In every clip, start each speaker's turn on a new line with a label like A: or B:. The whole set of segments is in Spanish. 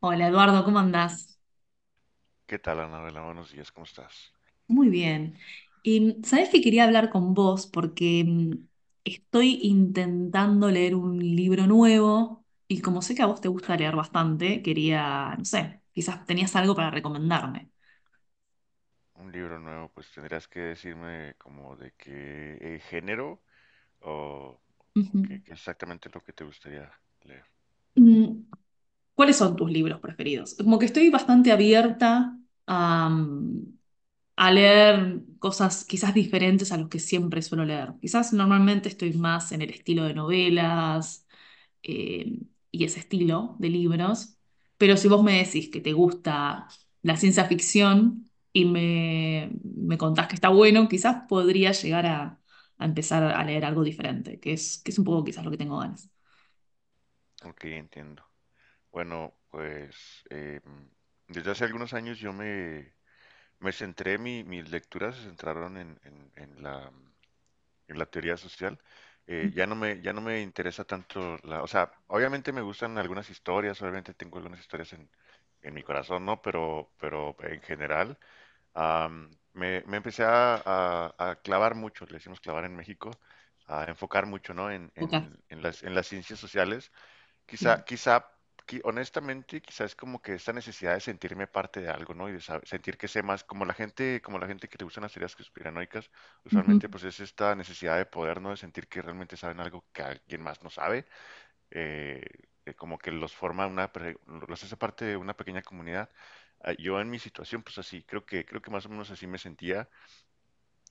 A: Hola Eduardo, ¿cómo andás?
B: ¿Qué tal, Anabela? Buenos días, ¿cómo estás?
A: Muy bien. Y sabés que quería hablar con vos porque estoy intentando leer un libro nuevo y como sé que a vos te gusta leer bastante, quería, no sé, quizás tenías algo para recomendarme.
B: Un libro nuevo, pues tendrías que decirme como de qué género o, o
A: Ujú.
B: qué, qué exactamente es lo que te gustaría leer.
A: Mm, ¿Cuáles son tus libros preferidos? Como que estoy bastante abierta a, a leer cosas quizás diferentes a los que siempre suelo leer. Quizás normalmente estoy más en el estilo de novelas eh, y ese estilo de libros. Pero si vos me decís que te gusta la ciencia ficción y me contás que está bueno, quizás podría llegar a empezar a leer algo diferente, que es un poco quizás lo que tengo ganas.
B: Ok, entiendo. Bueno, pues desde hace algunos años me centré, mis lecturas se centraron en, en la teoría social. Ya no me interesa tanto la, o sea, obviamente me gustan algunas historias, obviamente tengo algunas historias en mi corazón, ¿no? Pero en general. Me empecé a, a clavar mucho, le decimos clavar en México, a enfocar mucho, ¿no? En,
A: Ok,
B: en las ciencias sociales. Quizá,
A: bien.
B: quizá, honestamente, quizá es como que esta necesidad de sentirme parte de algo, ¿no? Y de sentir que sé más, como la gente que le gustan las teorías conspiranoicas,
A: Ujú.
B: usualmente pues es esta necesidad de poder, ¿no? De sentir que realmente saben algo que alguien más no sabe eh, como que los forma una, los hace parte de una pequeña comunidad. Yo en mi situación, pues así, creo que más o menos así me sentía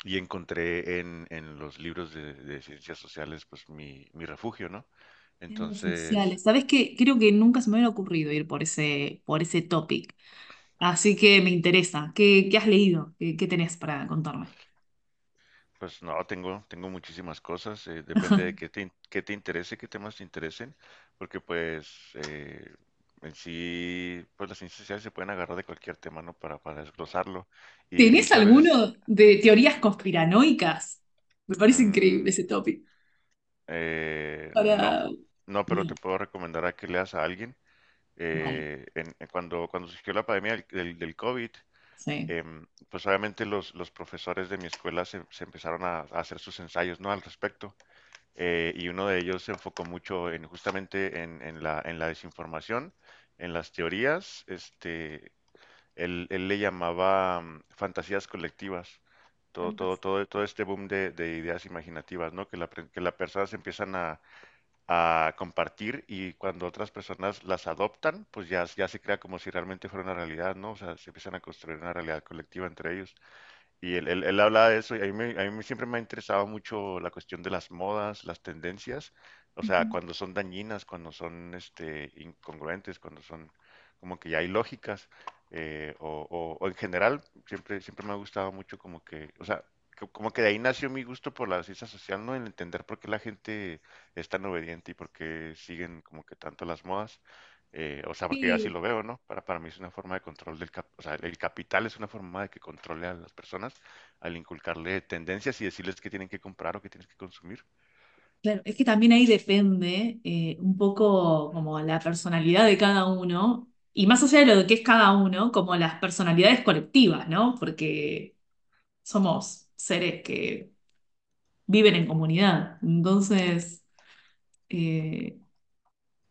B: y encontré en los libros de ciencias sociales, pues mi refugio, ¿no?
A: Ciencias
B: Entonces,
A: sociales. ¿Sabés qué? Creo que nunca se me hubiera ocurrido ir por por ese topic. Así que me interesa. ¿Qué, qué has leído? ¿Qué, qué tenés para contarme?
B: pues no, tengo, tengo muchísimas cosas, depende de qué te interese, qué temas te interesen, porque pues en sí, pues las ciencias sociales se pueden agarrar de cualquier tema, ¿no? Para desglosarlo. Y
A: ¿Tenés
B: muchas veces
A: alguno de teorías conspiranoicas? Me parece
B: mm,
A: increíble ese topic.
B: No,
A: Para...
B: no, pero te
A: No,
B: puedo recomendar a que leas a alguien.
A: no,
B: En cuando, cuando surgió la pandemia del, del COVID,
A: sí.
B: pues obviamente los profesores de mi escuela se, se empezaron a hacer sus ensayos, ¿no? Al respecto. Y uno de ellos se enfocó mucho en justamente en la desinformación, en las teorías. Este, él le llamaba fantasías colectivas.
A: Tantas.
B: Todo este boom de ideas imaginativas, ¿no? Que que las personas empiezan a compartir y cuando otras personas las adoptan, pues ya, ya se crea como si realmente fuera una realidad, ¿no? O sea, se empiezan a construir una realidad colectiva entre ellos. Y él hablaba de eso y a a mí siempre me ha interesado mucho la cuestión de las modas, las tendencias, o
A: Ujú.
B: sea, cuando son dañinas, cuando son este, incongruentes, cuando son como que ya ilógicas, o, o en general, siempre, siempre me ha gustado mucho como que, o sea, como que de ahí nació mi gusto por la ciencia social, ¿no? El entender por qué la gente es tan obediente y por qué siguen como que tanto las modas. O sea, porque yo así
A: Y,
B: lo veo, ¿no? Para mí es una forma de control del o sea, el capital es una forma de que controle a las personas al inculcarle tendencias y decirles qué tienen que comprar o qué tienen que consumir.
A: claro, es que también ahí depende un poco como la personalidad de cada uno, y más allá de lo que es cada uno, como las personalidades colectivas, ¿no? Porque somos seres que viven en comunidad. Entonces, eh,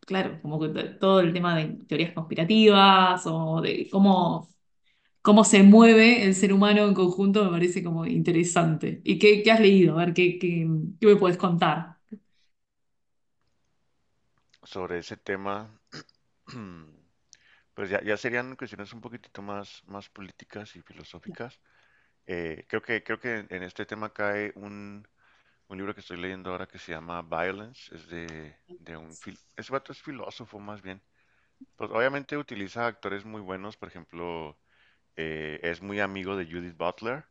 A: claro, como que todo el tema de teorías conspirativas o de cómo cómo se mueve el ser humano en conjunto me parece como interesante. ¿Y qué, qué has leído? A ver, ¿qué, qué, qué me puedes contar?
B: Sobre ese tema, pues ya, ya serían cuestiones un poquitito más, más políticas y filosóficas. Creo que en este tema cae un libro que estoy leyendo ahora que se llama Violence, es de un... ese vato es filósofo más bien. Pues obviamente utiliza actores muy buenos, por ejemplo... es muy amigo de Judith Butler.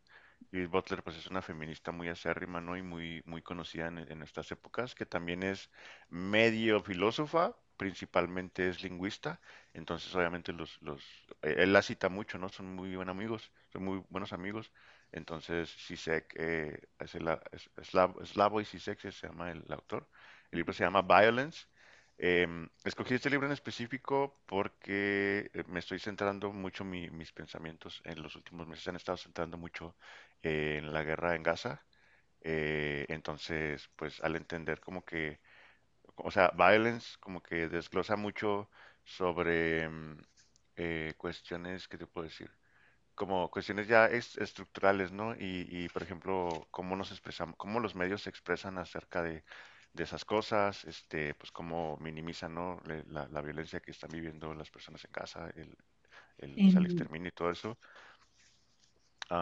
B: Judith Butler, pues es una feminista muy acérrima, ¿no? Y muy, muy conocida en estas épocas, que también es medio filósofa, principalmente es lingüista. Entonces, obviamente, él la cita mucho, ¿no? Son muy buenos amigos, son muy buenos amigos. Entonces, Sisek, es Slavoj Zizek se llama el autor. El libro se llama Violence. Escogí este libro en específico porque me estoy centrando mucho, mis pensamientos en los últimos meses se han estado centrando mucho en la guerra en Gaza. Entonces, pues al entender como que, o sea, Violence como que desglosa mucho sobre cuestiones, ¿qué te puedo decir? Como cuestiones ya estructurales, ¿no? Y, por ejemplo, cómo nos expresamos, cómo los medios se expresan acerca de esas cosas, este, pues cómo minimizan, ¿no? La violencia que están viviendo las personas en casa, el, o sea, el
A: Eh,
B: exterminio y todo eso.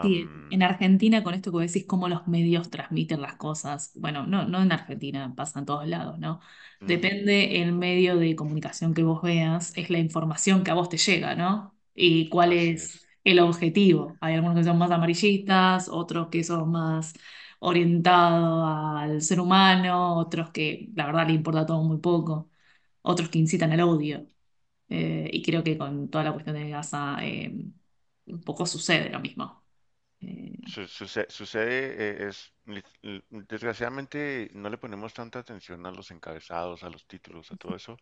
A: Sí, en Argentina, con esto que vos decís, cómo los medios transmiten las cosas, bueno, no, no en Argentina, pasa en todos lados, ¿no?
B: mm,
A: Depende el medio de comunicación que vos veas, es la información que a vos te llega, ¿no? Y cuál
B: así
A: es
B: es.
A: el objetivo. Hay algunos que son más amarillistas, otros que son más orientados al ser humano, otros que la verdad le importa todo muy poco, otros que incitan al odio. Y creo que con toda la cuestión de Gaza, un poco sucede lo mismo. Eh,
B: Sucede, es, desgraciadamente no le ponemos tanta atención a los encabezados, a los títulos, a todo eso,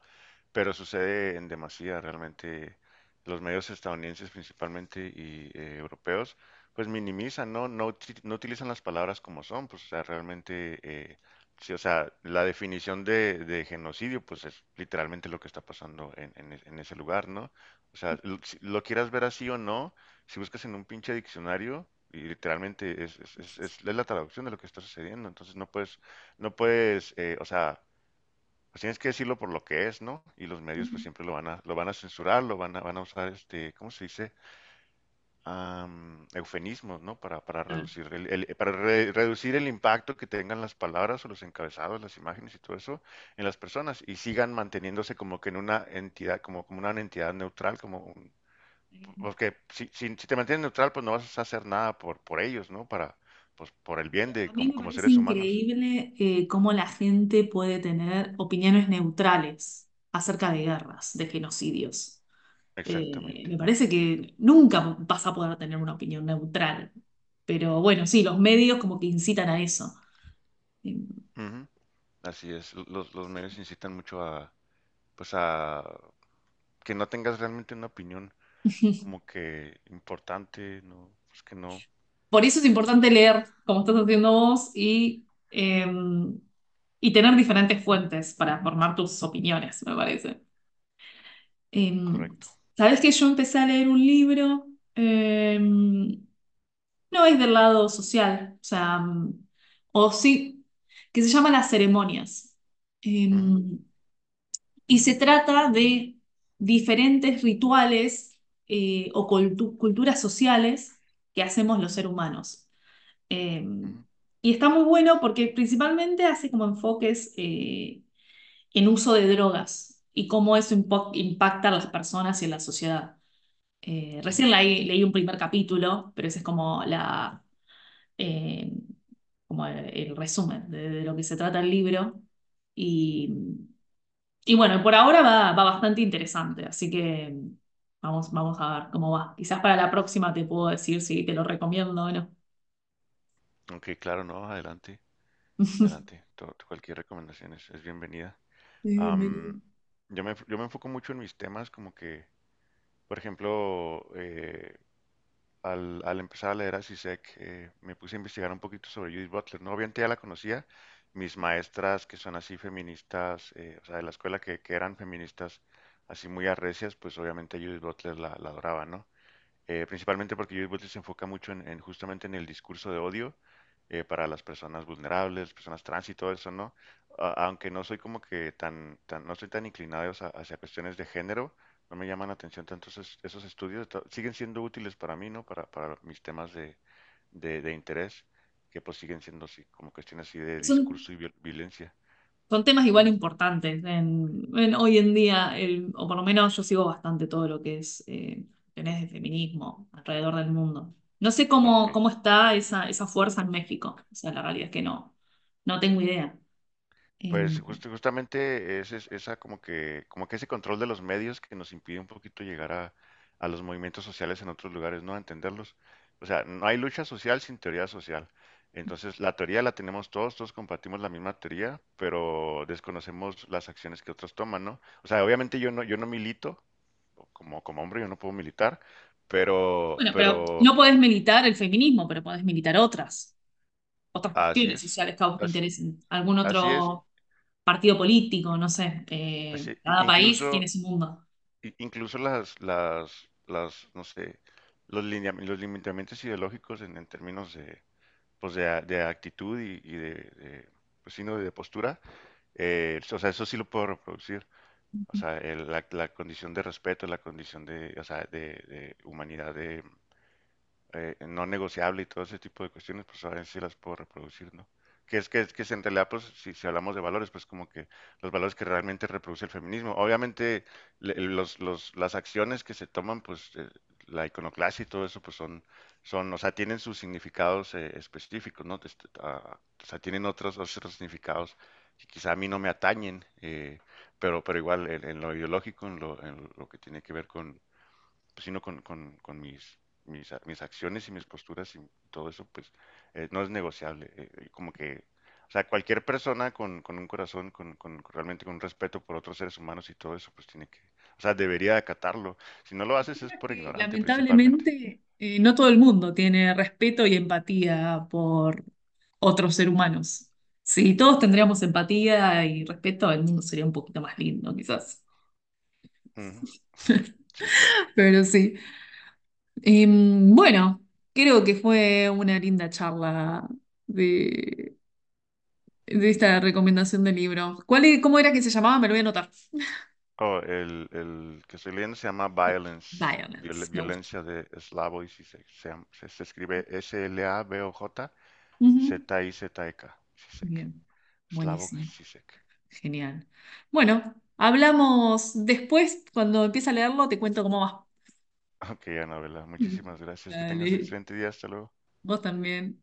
B: pero sucede en demasía realmente. Los medios estadounidenses principalmente y europeos, pues minimizan, ¿no? No, no utilizan las palabras como son, pues, o sea, realmente, sí, o sea, la definición de genocidio, pues es literalmente lo que está pasando en, en ese lugar, ¿no? O sea, lo, si lo quieras ver así o no, si buscas en un pinche diccionario, y literalmente es la traducción de lo que está sucediendo, entonces no puedes, no puedes, o sea, pues tienes que decirlo por lo que es, ¿no? Y los medios
A: Ujú,
B: pues siempre lo van a censurar, lo van a, van a usar este, ¿cómo se dice? Eufemismos, ¿no? Para
A: claro.
B: reducir reducir el impacto que tengan las palabras o los encabezados, las imágenes y todo eso en las personas y sigan manteniéndose como que en una entidad, como, como una entidad neutral, como
A: Eh,
B: porque si, si, si te mantienes neutral, pues no vas a hacer nada por, por ellos, ¿no? Para, pues por el bien de,
A: a mí
B: como,
A: me
B: como
A: parece
B: seres humanos.
A: increíble cómo la gente puede tener opiniones neutrales acerca de guerras, de genocidios.
B: Exactamente.
A: Me parece que nunca vas a poder tener una opinión neutral, pero bueno, sí, los medios como que incitan a eso. Eh,
B: Ujú. Así es, los medios incitan mucho a, pues a que no tengas realmente una opinión como que importante, no, pues que no,
A: Por eso es importante leer, como estás haciendo vos, y tener diferentes fuentes para formar tus opiniones, me parece. Em,
B: correcto.
A: ¿Sabés que yo empecé a leer un libro? Em, no es del lado social, o sea, o sí, que se llama Las ceremonias.
B: Ujú,
A: Em, y se trata de diferentes rituales o culturas sociales que hacemos los seres humanos. Em,
B: ujú,
A: y está muy bueno porque principalmente hace como enfoques en uso de drogas y cómo eso impacta a las personas y a la sociedad.
B: ujú.
A: Recién leí, leí un primer capítulo, pero ese es como eh, como el resumen de lo que se trata el libro. Y, y bueno, por ahora va, va bastante interesante, así que vamos, vamos a ver cómo va. Quizás para la próxima te puedo decir si te lo recomiendo o no.
B: Ok, claro, no, adelante, adelante. To- cualquier recomendación es bienvenida. Am,
A: Mary.
B: yo me enfoco mucho en mis temas, como que, por ejemplo, al, al empezar a leer a Zizek, me puse a investigar un poquito sobre Judith Butler. No, obviamente ya la conocía. Mis maestras que son así feministas, o sea, de la escuela que eran feministas así muy arrecias, pues obviamente Judith Butler la, la adoraba, ¿no? Principalmente porque Judith Butler se enfoca mucho en justamente en el discurso de odio para las personas vulnerables, personas trans y todo eso, ¿no? Aunque no soy como que tan, tan no soy tan inclinado hacia, hacia cuestiones de género, no me llaman la atención tanto esos, esos estudios, siguen siendo útiles para mí, ¿no? Para mis temas de interés, que pues siguen siendo así, como cuestiones así de
A: Es
B: discurso
A: un,
B: y violencia.
A: son temas igual
B: Ujú.
A: importantes en hoy en día, o por lo menos yo sigo bastante todo lo que es tenés de feminismo alrededor del mundo. No sé cómo,
B: Ok.
A: cómo está esa, esa fuerza en México. O sea, la realidad es que no, no tengo idea. Em,
B: Pues justamente esa como que ese control de los medios que nos impide un poquito llegar a los movimientos sociales en otros lugares, ¿no? A entenderlos. O sea, no hay lucha social sin teoría social. Entonces, la teoría la tenemos todos, todos compartimos la misma teoría, pero desconocemos las acciones que otros toman, ¿no? O sea, obviamente yo no, yo no milito, como, como hombre yo no puedo militar,
A: bueno, pero no
B: pero
A: podés militar el feminismo, pero podés militar otras, otras
B: así
A: cuestiones
B: es,
A: sociales que a vos te
B: as-
A: interesen. Algún
B: así es,
A: otro partido político, no sé.
B: así,
A: Cada país tiene
B: incluso
A: su mundo.
B: incluso no sé, los, los limitamientos ideológicos en términos de, pues de, de actitud y de, pues sí, ¿no? De postura, o sea, eso sí lo puedo reproducir. O sea, la, la condición de respeto, la condición de, o sea, de humanidad de, no negociable y todo ese tipo de cuestiones, pues ahora si las puedo reproducir, ¿no? Que es que, es que es en realidad, pues, si, si hablamos de valores, pues como que los valores que realmente reproduce el feminismo. Obviamente, las acciones que se toman, pues, la iconoclasia y todo eso, pues son, son, o sea, tienen sus significados específicos, ¿no? Este, o sea, tienen otros, otros significados que quizá a mí no me atañen, pero igual en lo ideológico, en lo que tiene que ver con, pues, sino con mis acciones y mis posturas y todo eso, pues no es negociable. Como que, o sea, cualquier persona con un corazón, con realmente con un respeto por otros seres humanos y todo eso, pues tiene que, o sea, debería acatarlo. Si no lo haces es
A: Tema
B: por
A: que
B: ignorante principalmente.
A: lamentablemente no todo el mundo tiene respeto y empatía por otros seres humanos. Si todos tendríamos empatía y respeto, el mundo sería un poquito más lindo, quizás.
B: Uh -huh. Sí, claro.
A: Pero sí. Bueno, creo que fue una linda charla de, de esta recomendación de libro. ¿Cuál, es- cómo era que se llamaba? Me lo voy a anotar.
B: Oh, el, que estoy leyendo se llama Violence, viol,
A: Violence, me gusta.
B: violencia de Slavoj y si se, se, se, se escribe Slavoj
A: Ujú.
B: Zizek, Zizek,
A: Bien,
B: Slavoj
A: buenísimo.
B: Zizek.
A: Genial. Bueno, hablamos después. Cuando empiece a leerlo, te cuento cómo va.
B: Ok, Anabela, muchísimas gracias. Que tengas
A: Dale.
B: excelente día. Hasta luego.
A: Vos también.